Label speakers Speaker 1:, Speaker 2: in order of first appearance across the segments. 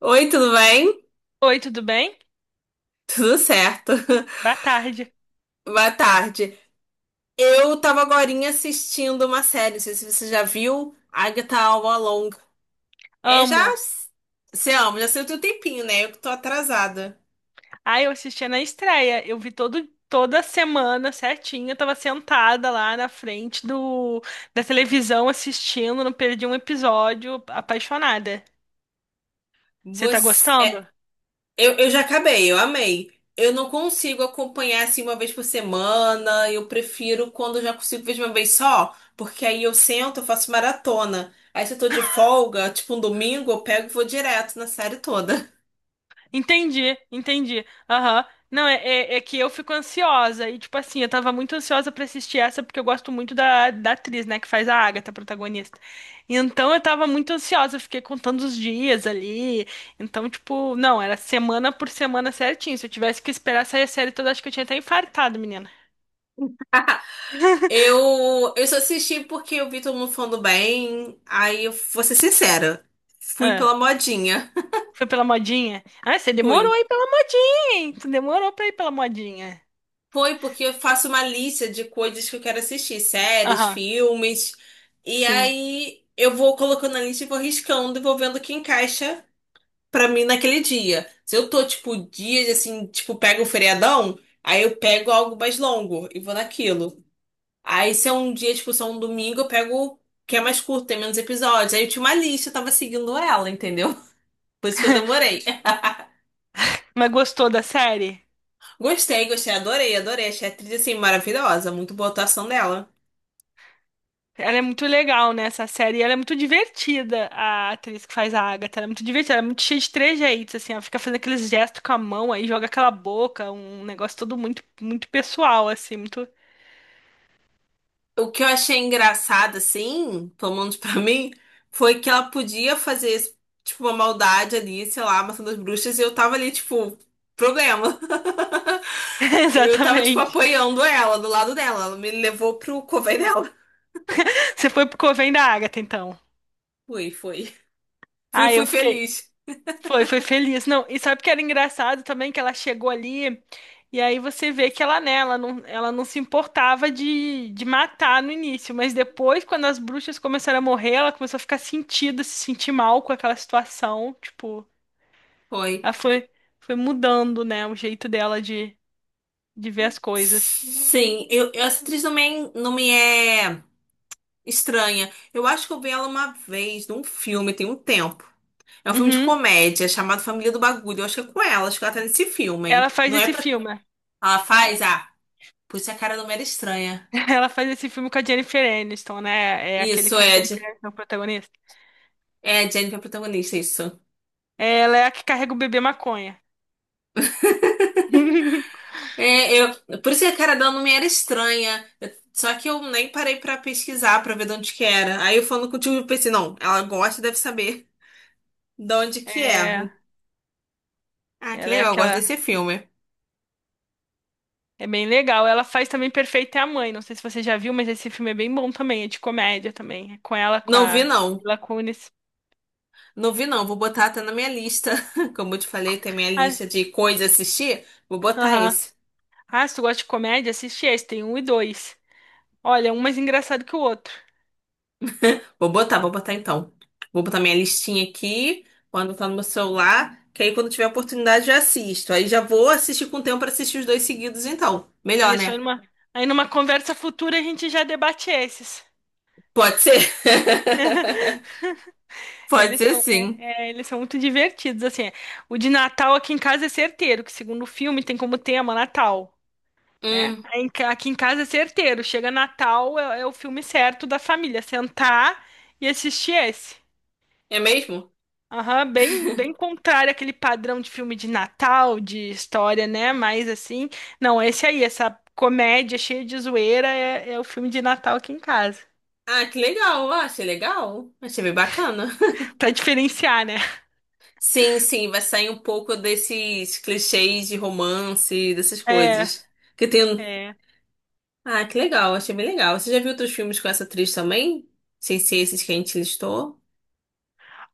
Speaker 1: Oi, tudo bem?
Speaker 2: Oi, tudo bem?
Speaker 1: Tudo certo.
Speaker 2: Boa tarde.
Speaker 1: Boa tarde. Eu tava agorinha assistindo uma série, não sei se você já viu, Agatha All Along. É, já...
Speaker 2: Amo.
Speaker 1: Você ama, já saiu tem um tempinho, né? Eu que tô atrasada.
Speaker 2: Ai, eu assistia na estreia. Eu vi toda semana certinho. Eu tava sentada lá na frente da televisão assistindo, não perdi um episódio, apaixonada. Você tá
Speaker 1: Você... é,
Speaker 2: gostando?
Speaker 1: eu já acabei, eu amei. Eu não consigo acompanhar assim uma vez por semana, eu prefiro quando eu já consigo ver de uma vez só, porque aí eu sento, eu faço maratona. Aí se eu tô de folga, tipo um domingo, eu pego e vou direto na série toda.
Speaker 2: Entendi, entendi. Aham. Não, é que eu fico ansiosa. E, tipo assim, eu tava muito ansiosa pra assistir essa, porque eu gosto muito da atriz, né, que faz a Agatha, a protagonista. Então eu tava muito ansiosa, eu fiquei contando os dias ali. Então, tipo, não, era semana por semana certinho. Se eu tivesse que esperar sair a série toda, acho que eu tinha até infartado, menina.
Speaker 1: Eu só assisti porque eu vi todo mundo falando bem. Aí eu vou ser sincera. Fui
Speaker 2: Ah,
Speaker 1: pela modinha.
Speaker 2: foi pela modinha? Ah, você demorou
Speaker 1: Fui.
Speaker 2: aí pela modinha, hein? Tu demorou pra ir pela modinha.
Speaker 1: Foi porque eu faço uma lista de coisas que eu quero assistir, séries,
Speaker 2: Aham,
Speaker 1: filmes. E
Speaker 2: sim.
Speaker 1: aí eu vou colocando na lista e vou riscando e vou vendo o que encaixa pra mim naquele dia. Se eu tô, tipo, dias assim, tipo, pego um feriadão, aí eu pego algo mais longo e vou naquilo. Aí se é um dia, tipo, se é um domingo, eu pego o que é mais curto, tem menos episódios. Aí eu tinha uma lista, eu tava seguindo ela, entendeu? Por isso que eu demorei.
Speaker 2: Mas gostou da série?
Speaker 1: Gostei, gostei, adorei, adorei. Achei a atriz, assim, maravilhosa. Muito boa a atuação dela.
Speaker 2: Ela é muito legal, né, essa série. E ela é muito divertida, a atriz que faz a Agatha. Ela é muito divertida, ela é muito cheia de trejeitos, assim. Ela fica fazendo aqueles gestos com a mão, aí joga aquela boca, um negócio todo muito, muito pessoal, assim, muito.
Speaker 1: O que eu achei engraçado, assim, tomando pra mim, foi que ela podia fazer, tipo, uma maldade ali, sei lá, matando as bruxas, e eu tava ali, tipo, problema. Eu tava, tipo,
Speaker 2: Exatamente.
Speaker 1: apoiando ela, do lado dela. Ela me levou pro cover dela.
Speaker 2: Você foi pro Coven da Agatha, então.
Speaker 1: Fui, fui. Fui,
Speaker 2: Ah,
Speaker 1: fui
Speaker 2: eu fiquei.
Speaker 1: feliz.
Speaker 2: Foi feliz. Não, e sabe o que era engraçado também que ela chegou ali e aí você vê que ela, né, ela não se importava de matar no início, mas depois, quando as bruxas começaram a morrer, ela começou a ficar sentida, se sentir mal com aquela situação. Tipo,
Speaker 1: Foi.
Speaker 2: ela foi mudando, né, o jeito dela de ver as coisas.
Speaker 1: Sim, essa atriz também não me é estranha. Eu acho que eu vi ela uma vez num filme, tem um tempo. É um filme de
Speaker 2: Uhum.
Speaker 1: comédia chamado Família do Bagulho. Eu acho que é com ela, acho que ela tá nesse filme,
Speaker 2: Ela
Speaker 1: hein?
Speaker 2: faz
Speaker 1: Não é
Speaker 2: esse
Speaker 1: pra.
Speaker 2: filme.
Speaker 1: Ela faz? Ah, por isso a cara não me era estranha.
Speaker 2: Ela faz esse filme com a Jennifer Aniston, né? É aquele
Speaker 1: Isso,
Speaker 2: que a Jennifer
Speaker 1: Ed.
Speaker 2: Aniston é o protagonista.
Speaker 1: É, a Jennifer é a protagonista, isso.
Speaker 2: Ela é a que carrega o bebê maconha.
Speaker 1: É, eu, por isso que a cara dela não me era estranha. Eu- só que eu nem parei pra pesquisar pra ver de onde que era. Aí eu falando contigo, eu pensei, não, ela gosta, deve saber de onde que é.
Speaker 2: É.
Speaker 1: Ah, que
Speaker 2: Ela é
Speaker 1: legal, eu gosto desse
Speaker 2: aquela.
Speaker 1: filme.
Speaker 2: É bem legal. Ela faz também Perfeita é a Mãe. Não sei se você já viu, mas esse filme é bem bom também. É de comédia também. É com ela, com
Speaker 1: Não vi,
Speaker 2: a
Speaker 1: não.
Speaker 2: Mila Kunis.
Speaker 1: Não vi, não. Vou botar até na minha lista. Como eu te falei, tem minha
Speaker 2: Ah,
Speaker 1: lista de coisas a assistir. Vou botar
Speaker 2: aham.
Speaker 1: esse.
Speaker 2: Ah, se tu gosta de comédia, assiste esse. Tem um e dois. Olha, um mais engraçado que o outro.
Speaker 1: Vou botar então. Vou botar minha listinha aqui, quando tá no meu celular, que aí quando tiver oportunidade eu assisto. Aí já vou assistir com tempo pra assistir os dois seguidos, então. Melhor,
Speaker 2: Isso, aí
Speaker 1: né?
Speaker 2: numa, aí numa conversa futura a gente já debate esses.
Speaker 1: Pode ser? Pode
Speaker 2: Eles
Speaker 1: ser
Speaker 2: são, é-
Speaker 1: sim.
Speaker 2: eles são muito divertidos, assim. O de Natal aqui em casa é certeiro, que segundo o filme tem como tema Natal, né?
Speaker 1: Hum,
Speaker 2: Aqui em casa é certeiro. Chega Natal, é o filme certo da família. Sentar e assistir esse.
Speaker 1: é mesmo?
Speaker 2: Aham, bem contrário àquele padrão de filme de Natal, de história, né? Mais assim. Não, esse aí, essa comédia cheia de zoeira é o filme de Natal aqui em casa.
Speaker 1: Ah, que legal. Ah, achei legal. Achei bem bacana.
Speaker 2: Pra diferenciar, né?
Speaker 1: Sim, sim, vai sair um pouco desses clichês de romance, dessas
Speaker 2: É,
Speaker 1: coisas. Que tem. Um-
Speaker 2: é.
Speaker 1: ah, que legal, achei bem legal. Você já viu outros filmes com essa atriz também? Sem ser esses que a gente listou?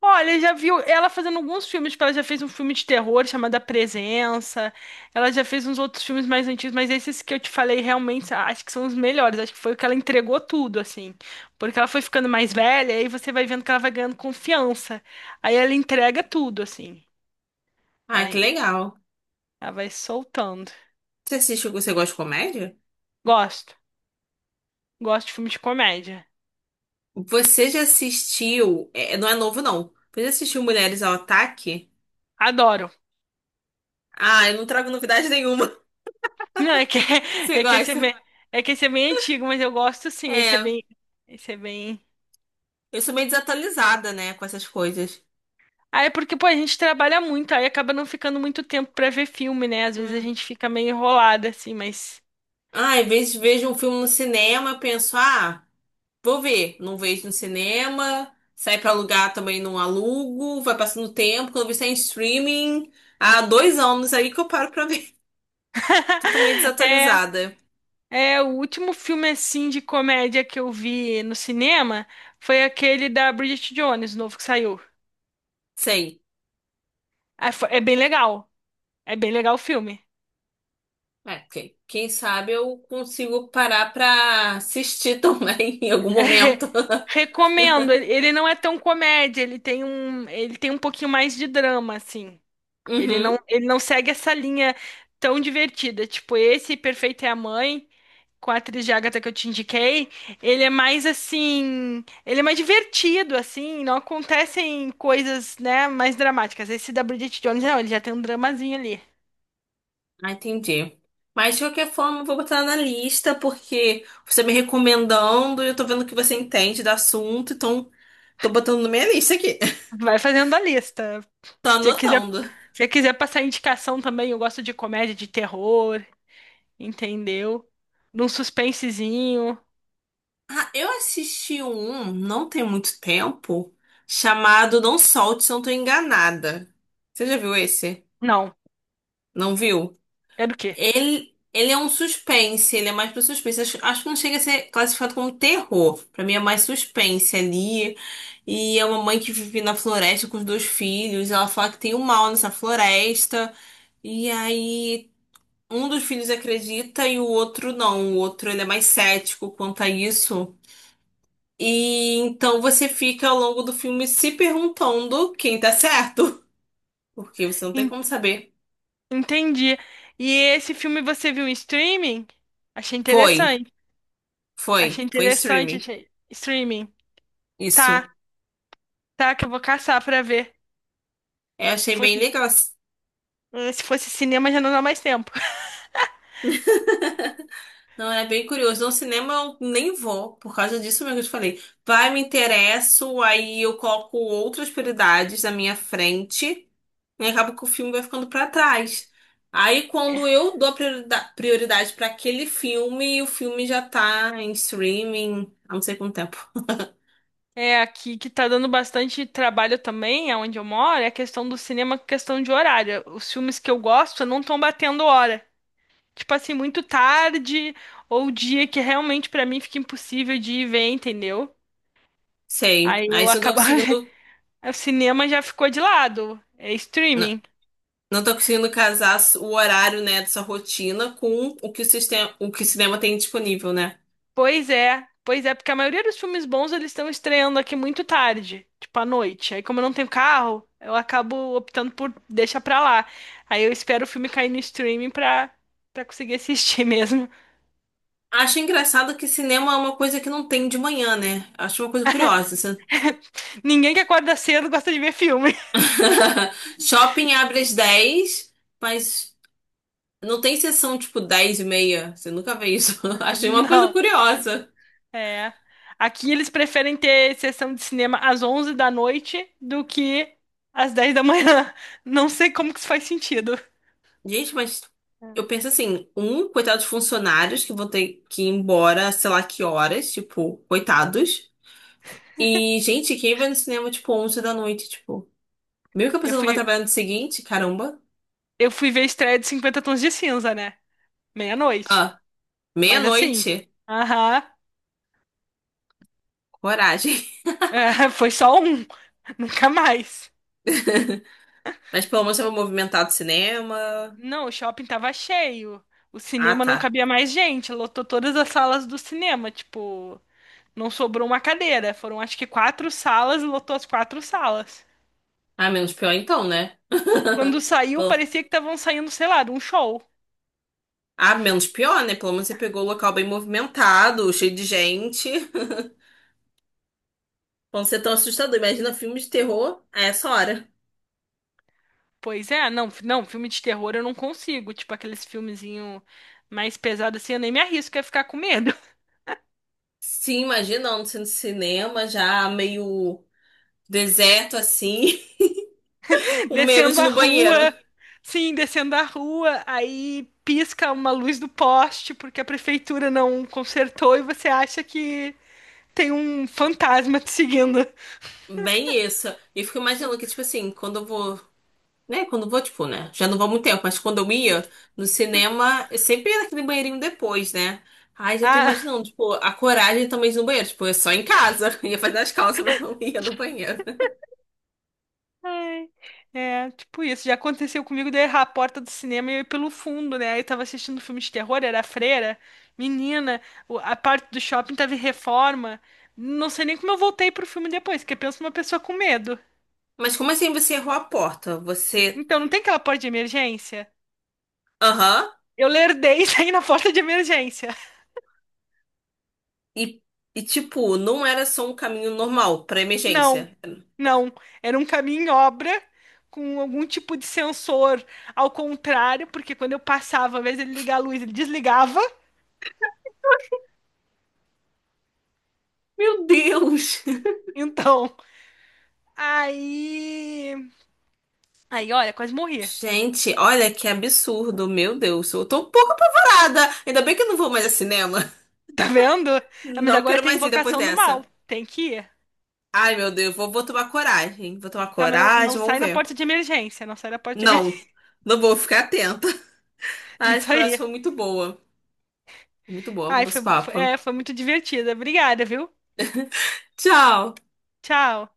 Speaker 2: Olha, já viu ela fazendo alguns filmes, tipo, ela já fez um filme de terror chamado A Presença, ela já fez uns outros filmes mais antigos, mas esses que eu te falei realmente acho que são os melhores, acho que foi o que ela entregou tudo, assim, porque ela foi ficando mais velha, aí você vai vendo que ela vai ganhando confiança, aí ela entrega tudo, assim,
Speaker 1: Ah,
Speaker 2: ela,
Speaker 1: que legal.
Speaker 2: ela vai soltando.
Speaker 1: Você assistiu, você gosta de comédia?
Speaker 2: Gosto, gosto de filme de comédia,
Speaker 1: Você já assistiu. É, não é novo, não. Você já assistiu Mulheres ao Ataque?
Speaker 2: adoro.
Speaker 1: Ah, eu não trago novidade nenhuma.
Speaker 2: Não, é que,
Speaker 1: Você
Speaker 2: é que esse é
Speaker 1: gosta?
Speaker 2: bem, é que esse é bem antigo, mas eu gosto sim, esse é
Speaker 1: É,
Speaker 2: bem, esse é bem...
Speaker 1: eu sou meio desatualizada, né, com essas coisas.
Speaker 2: Ah, é porque, pô, a gente trabalha muito, aí acaba não ficando muito tempo pra ver filme, né? Às vezes a
Speaker 1: Hum.
Speaker 2: gente fica meio enrolada, assim, mas.
Speaker 1: Ah, às vezes vejo um filme no cinema, eu penso, ah. Vou ver. Não vejo no cinema. Sai pra alugar também não alugo. Vai passando tempo. Quando eu vi sai em streaming. Há dois anos aí que eu paro pra ver. Totalmente
Speaker 2: É,
Speaker 1: desatualizada.
Speaker 2: o último filme, assim, de comédia que eu vi no cinema foi aquele da Bridget Jones, novo que saiu.
Speaker 1: Sei.
Speaker 2: Ah, É bem legal. É bem legal o filme.
Speaker 1: É, ok. Quem sabe eu consigo parar pra assistir também em algum momento.
Speaker 2: Recomendo. Ele não é tão comédia, ele tem um pouquinho mais de drama, assim. Ele não,
Speaker 1: Uhum.
Speaker 2: ele não segue essa linha tão divertida. Tipo, esse Perfeito é a Mãe, com a atriz de Agatha que eu te indiquei, ele é mais assim. Ele é mais divertido, assim. Não acontecem coisas, né, mais dramáticas. Esse da Bridget Jones, não, ele já tem um dramazinho ali.
Speaker 1: Ah, entendi. Mas de qualquer forma, eu vou botar na lista porque você me recomendando eu tô vendo que você entende do assunto, então tô botando na minha lista aqui.
Speaker 2: Vai fazendo a lista.
Speaker 1: Tô
Speaker 2: Se quiser,
Speaker 1: anotando.
Speaker 2: se quiser passar indicação também, eu gosto de comédia, de terror, entendeu? De um suspensezinho.
Speaker 1: Ah, eu assisti um, não tem muito tempo, chamado Não Solte Se Eu Não Tô Enganada. Você já viu esse?
Speaker 2: Não,
Speaker 1: Não viu?
Speaker 2: é do quê?
Speaker 1: Ele é um suspense, ele é mais pra suspense. Acho, acho que não chega a ser classificado como terror. Pra mim é mais suspense ali. E é uma mãe que vive na floresta com os dois filhos. Ela fala que tem um mal nessa floresta. E aí um dos filhos acredita e o outro não. O outro ele é mais cético quanto a isso. E então você fica ao longo do filme se perguntando quem tá certo. Porque você não tem como saber.
Speaker 2: Entendi. E esse filme você viu em streaming? Achei
Speaker 1: Foi,
Speaker 2: interessante. Achei
Speaker 1: foi, foi em
Speaker 2: interessante,
Speaker 1: streaming.
Speaker 2: achei streaming. Tá,
Speaker 1: Isso.
Speaker 2: tá, que eu vou caçar pra ver.
Speaker 1: Eu
Speaker 2: Se
Speaker 1: achei bem
Speaker 2: fosse,
Speaker 1: legal.
Speaker 2: se fosse cinema, já não dá mais tempo.
Speaker 1: Não, é bem curioso. No cinema eu nem vou, por causa disso mesmo que eu te falei. Vai, me interesso, aí eu coloco outras prioridades na minha frente e acaba que o filme vai ficando pra trás. Aí quando eu dou a priorida- prioridade pra aquele filme, o filme já tá em streaming há não sei quanto tempo.
Speaker 2: É, aqui que tá dando bastante trabalho também, aonde eu moro, é a questão do cinema, questão de horário. Os filmes que eu gosto não estão batendo hora. Tipo assim, muito tarde ou dia que realmente pra mim fica impossível de ir ver, entendeu?
Speaker 1: Sei.
Speaker 2: Aí
Speaker 1: Aí
Speaker 2: eu
Speaker 1: você não tá
Speaker 2: acabo.
Speaker 1: conseguindo.
Speaker 2: O cinema já ficou de lado. É
Speaker 1: Não,
Speaker 2: streaming.
Speaker 1: não tá conseguindo casar o horário, né, dessa rotina com o que o sistema, o que o cinema tem disponível, né?
Speaker 2: Pois é, porque a maioria dos filmes bons eles estão estreando aqui muito tarde, tipo à noite. Aí, como eu não tenho carro, eu acabo optando por deixar pra lá. Aí eu espero o filme cair no streaming pra conseguir assistir mesmo.
Speaker 1: Acho engraçado que cinema é uma coisa que não tem de manhã, né? Acho uma coisa curiosa. Assim.
Speaker 2: Ninguém que acorda cedo gosta de ver filme.
Speaker 1: Shopping abre às dez, mas não tem sessão tipo 10 e meia. Você nunca vê isso. Achei uma coisa
Speaker 2: Não,
Speaker 1: curiosa.
Speaker 2: é. Aqui eles preferem ter sessão de cinema às 11 da noite do que às 10 da manhã. Não sei como que isso faz sentido.
Speaker 1: Gente, mas eu penso assim, um, coitados funcionários que vão ter que ir embora, sei lá que horas, tipo, coitados. E, gente, quem vai no cinema, tipo, 11 da noite, tipo... Meio que a
Speaker 2: Eu
Speaker 1: pessoa não vai
Speaker 2: fui,
Speaker 1: trabalhar no dia seguinte, caramba.
Speaker 2: eu fui ver a estreia de Cinquenta Tons de Cinza, né? Meia-noite.
Speaker 1: Ah,
Speaker 2: Mas assim,
Speaker 1: meia-noite.
Speaker 2: aham,
Speaker 1: Coragem.
Speaker 2: é, foi só um, nunca mais.
Speaker 1: Mas pelo menos eu vou movimentar do cinema.
Speaker 2: Não, o shopping tava cheio. O
Speaker 1: Ah,
Speaker 2: cinema não
Speaker 1: tá.
Speaker 2: cabia mais gente, lotou todas as salas do cinema, tipo, não sobrou uma cadeira. Foram acho que quatro salas e lotou as quatro salas.
Speaker 1: Ah, menos pior então, né?
Speaker 2: Quando saiu,
Speaker 1: Pelo-
Speaker 2: parecia que estavam saindo, sei lá, de um show.
Speaker 1: ah, menos pior, né? Pelo menos você pegou o local bem movimentado, cheio de gente. Pra não ser tão assustador. Imagina filme de terror a essa hora.
Speaker 2: Pois é, não, não, filme de terror eu não consigo, tipo aqueles filmezinho mais pesados assim, eu nem me arrisco a ficar com medo.
Speaker 1: Sim, imagina, não sendo cinema, já meio deserto assim, o medo de
Speaker 2: Descendo
Speaker 1: ir
Speaker 2: a
Speaker 1: no
Speaker 2: rua,
Speaker 1: banheiro.
Speaker 2: sim, descendo a rua, aí pisca uma luz do poste porque a prefeitura não consertou e você acha que tem um fantasma te seguindo.
Speaker 1: Bem isso. E eu fico imaginando que, tipo assim, quando eu vou. Né? Quando eu vou, tipo, né? Já não vou há muito tempo, mas quando eu ia no cinema, eu sempre ia naquele banheirinho depois, né? Ai, já tô
Speaker 2: Ah,
Speaker 1: imaginando, tipo, a coragem também de ir no banheiro. Tipo, é só em casa. Ia fazer as calças, mas não ia no banheiro.
Speaker 2: ai, é, tipo isso. Já aconteceu comigo de eu errar a porta do cinema e eu ir pelo fundo, né? Aí eu tava assistindo um filme de terror, era a Freira. Menina, a parte do shopping tava em reforma. Não sei nem como eu voltei pro filme depois, porque penso numa pessoa com medo.
Speaker 1: Mas como assim você errou a porta? Você.
Speaker 2: Então, não tem aquela porta de emergência?
Speaker 1: Aham.
Speaker 2: Eu lerdei e saí na porta de emergência.
Speaker 1: e, tipo, não era só um caminho normal pra
Speaker 2: Não,
Speaker 1: emergência.
Speaker 2: não. Era um caminho em obra com algum tipo de sensor ao contrário, porque quando eu passava, ao invés de ele ligar a luz, ele desligava.
Speaker 1: Meu Deus!
Speaker 2: Então, aí. Aí, olha, quase morri.
Speaker 1: Gente, olha que absurdo, meu Deus. Eu tô um pouco apavorada. Ainda bem que eu não vou mais a cinema.
Speaker 2: Tá vendo? Ah, mas
Speaker 1: Não
Speaker 2: agora
Speaker 1: quero
Speaker 2: tem
Speaker 1: mais ir depois
Speaker 2: invocação do mal.
Speaker 1: dessa.
Speaker 2: Tem que ir.
Speaker 1: Ai, meu Deus, vou tomar coragem. Vou tomar
Speaker 2: Tá, mas não, não
Speaker 1: coragem, vamos
Speaker 2: sai na
Speaker 1: ver.
Speaker 2: porta de emergência. Não sai na porta de
Speaker 1: Não,
Speaker 2: emergência.
Speaker 1: não vou ficar atenta. Ai, essa
Speaker 2: Isso
Speaker 1: conversa
Speaker 2: aí.
Speaker 1: foi muito boa. Muito boa o
Speaker 2: Ai,
Speaker 1: nosso
Speaker 2: foi, foi-
Speaker 1: papo.
Speaker 2: é, foi muito divertida. Obrigada, viu?
Speaker 1: Tchau!
Speaker 2: Tchau.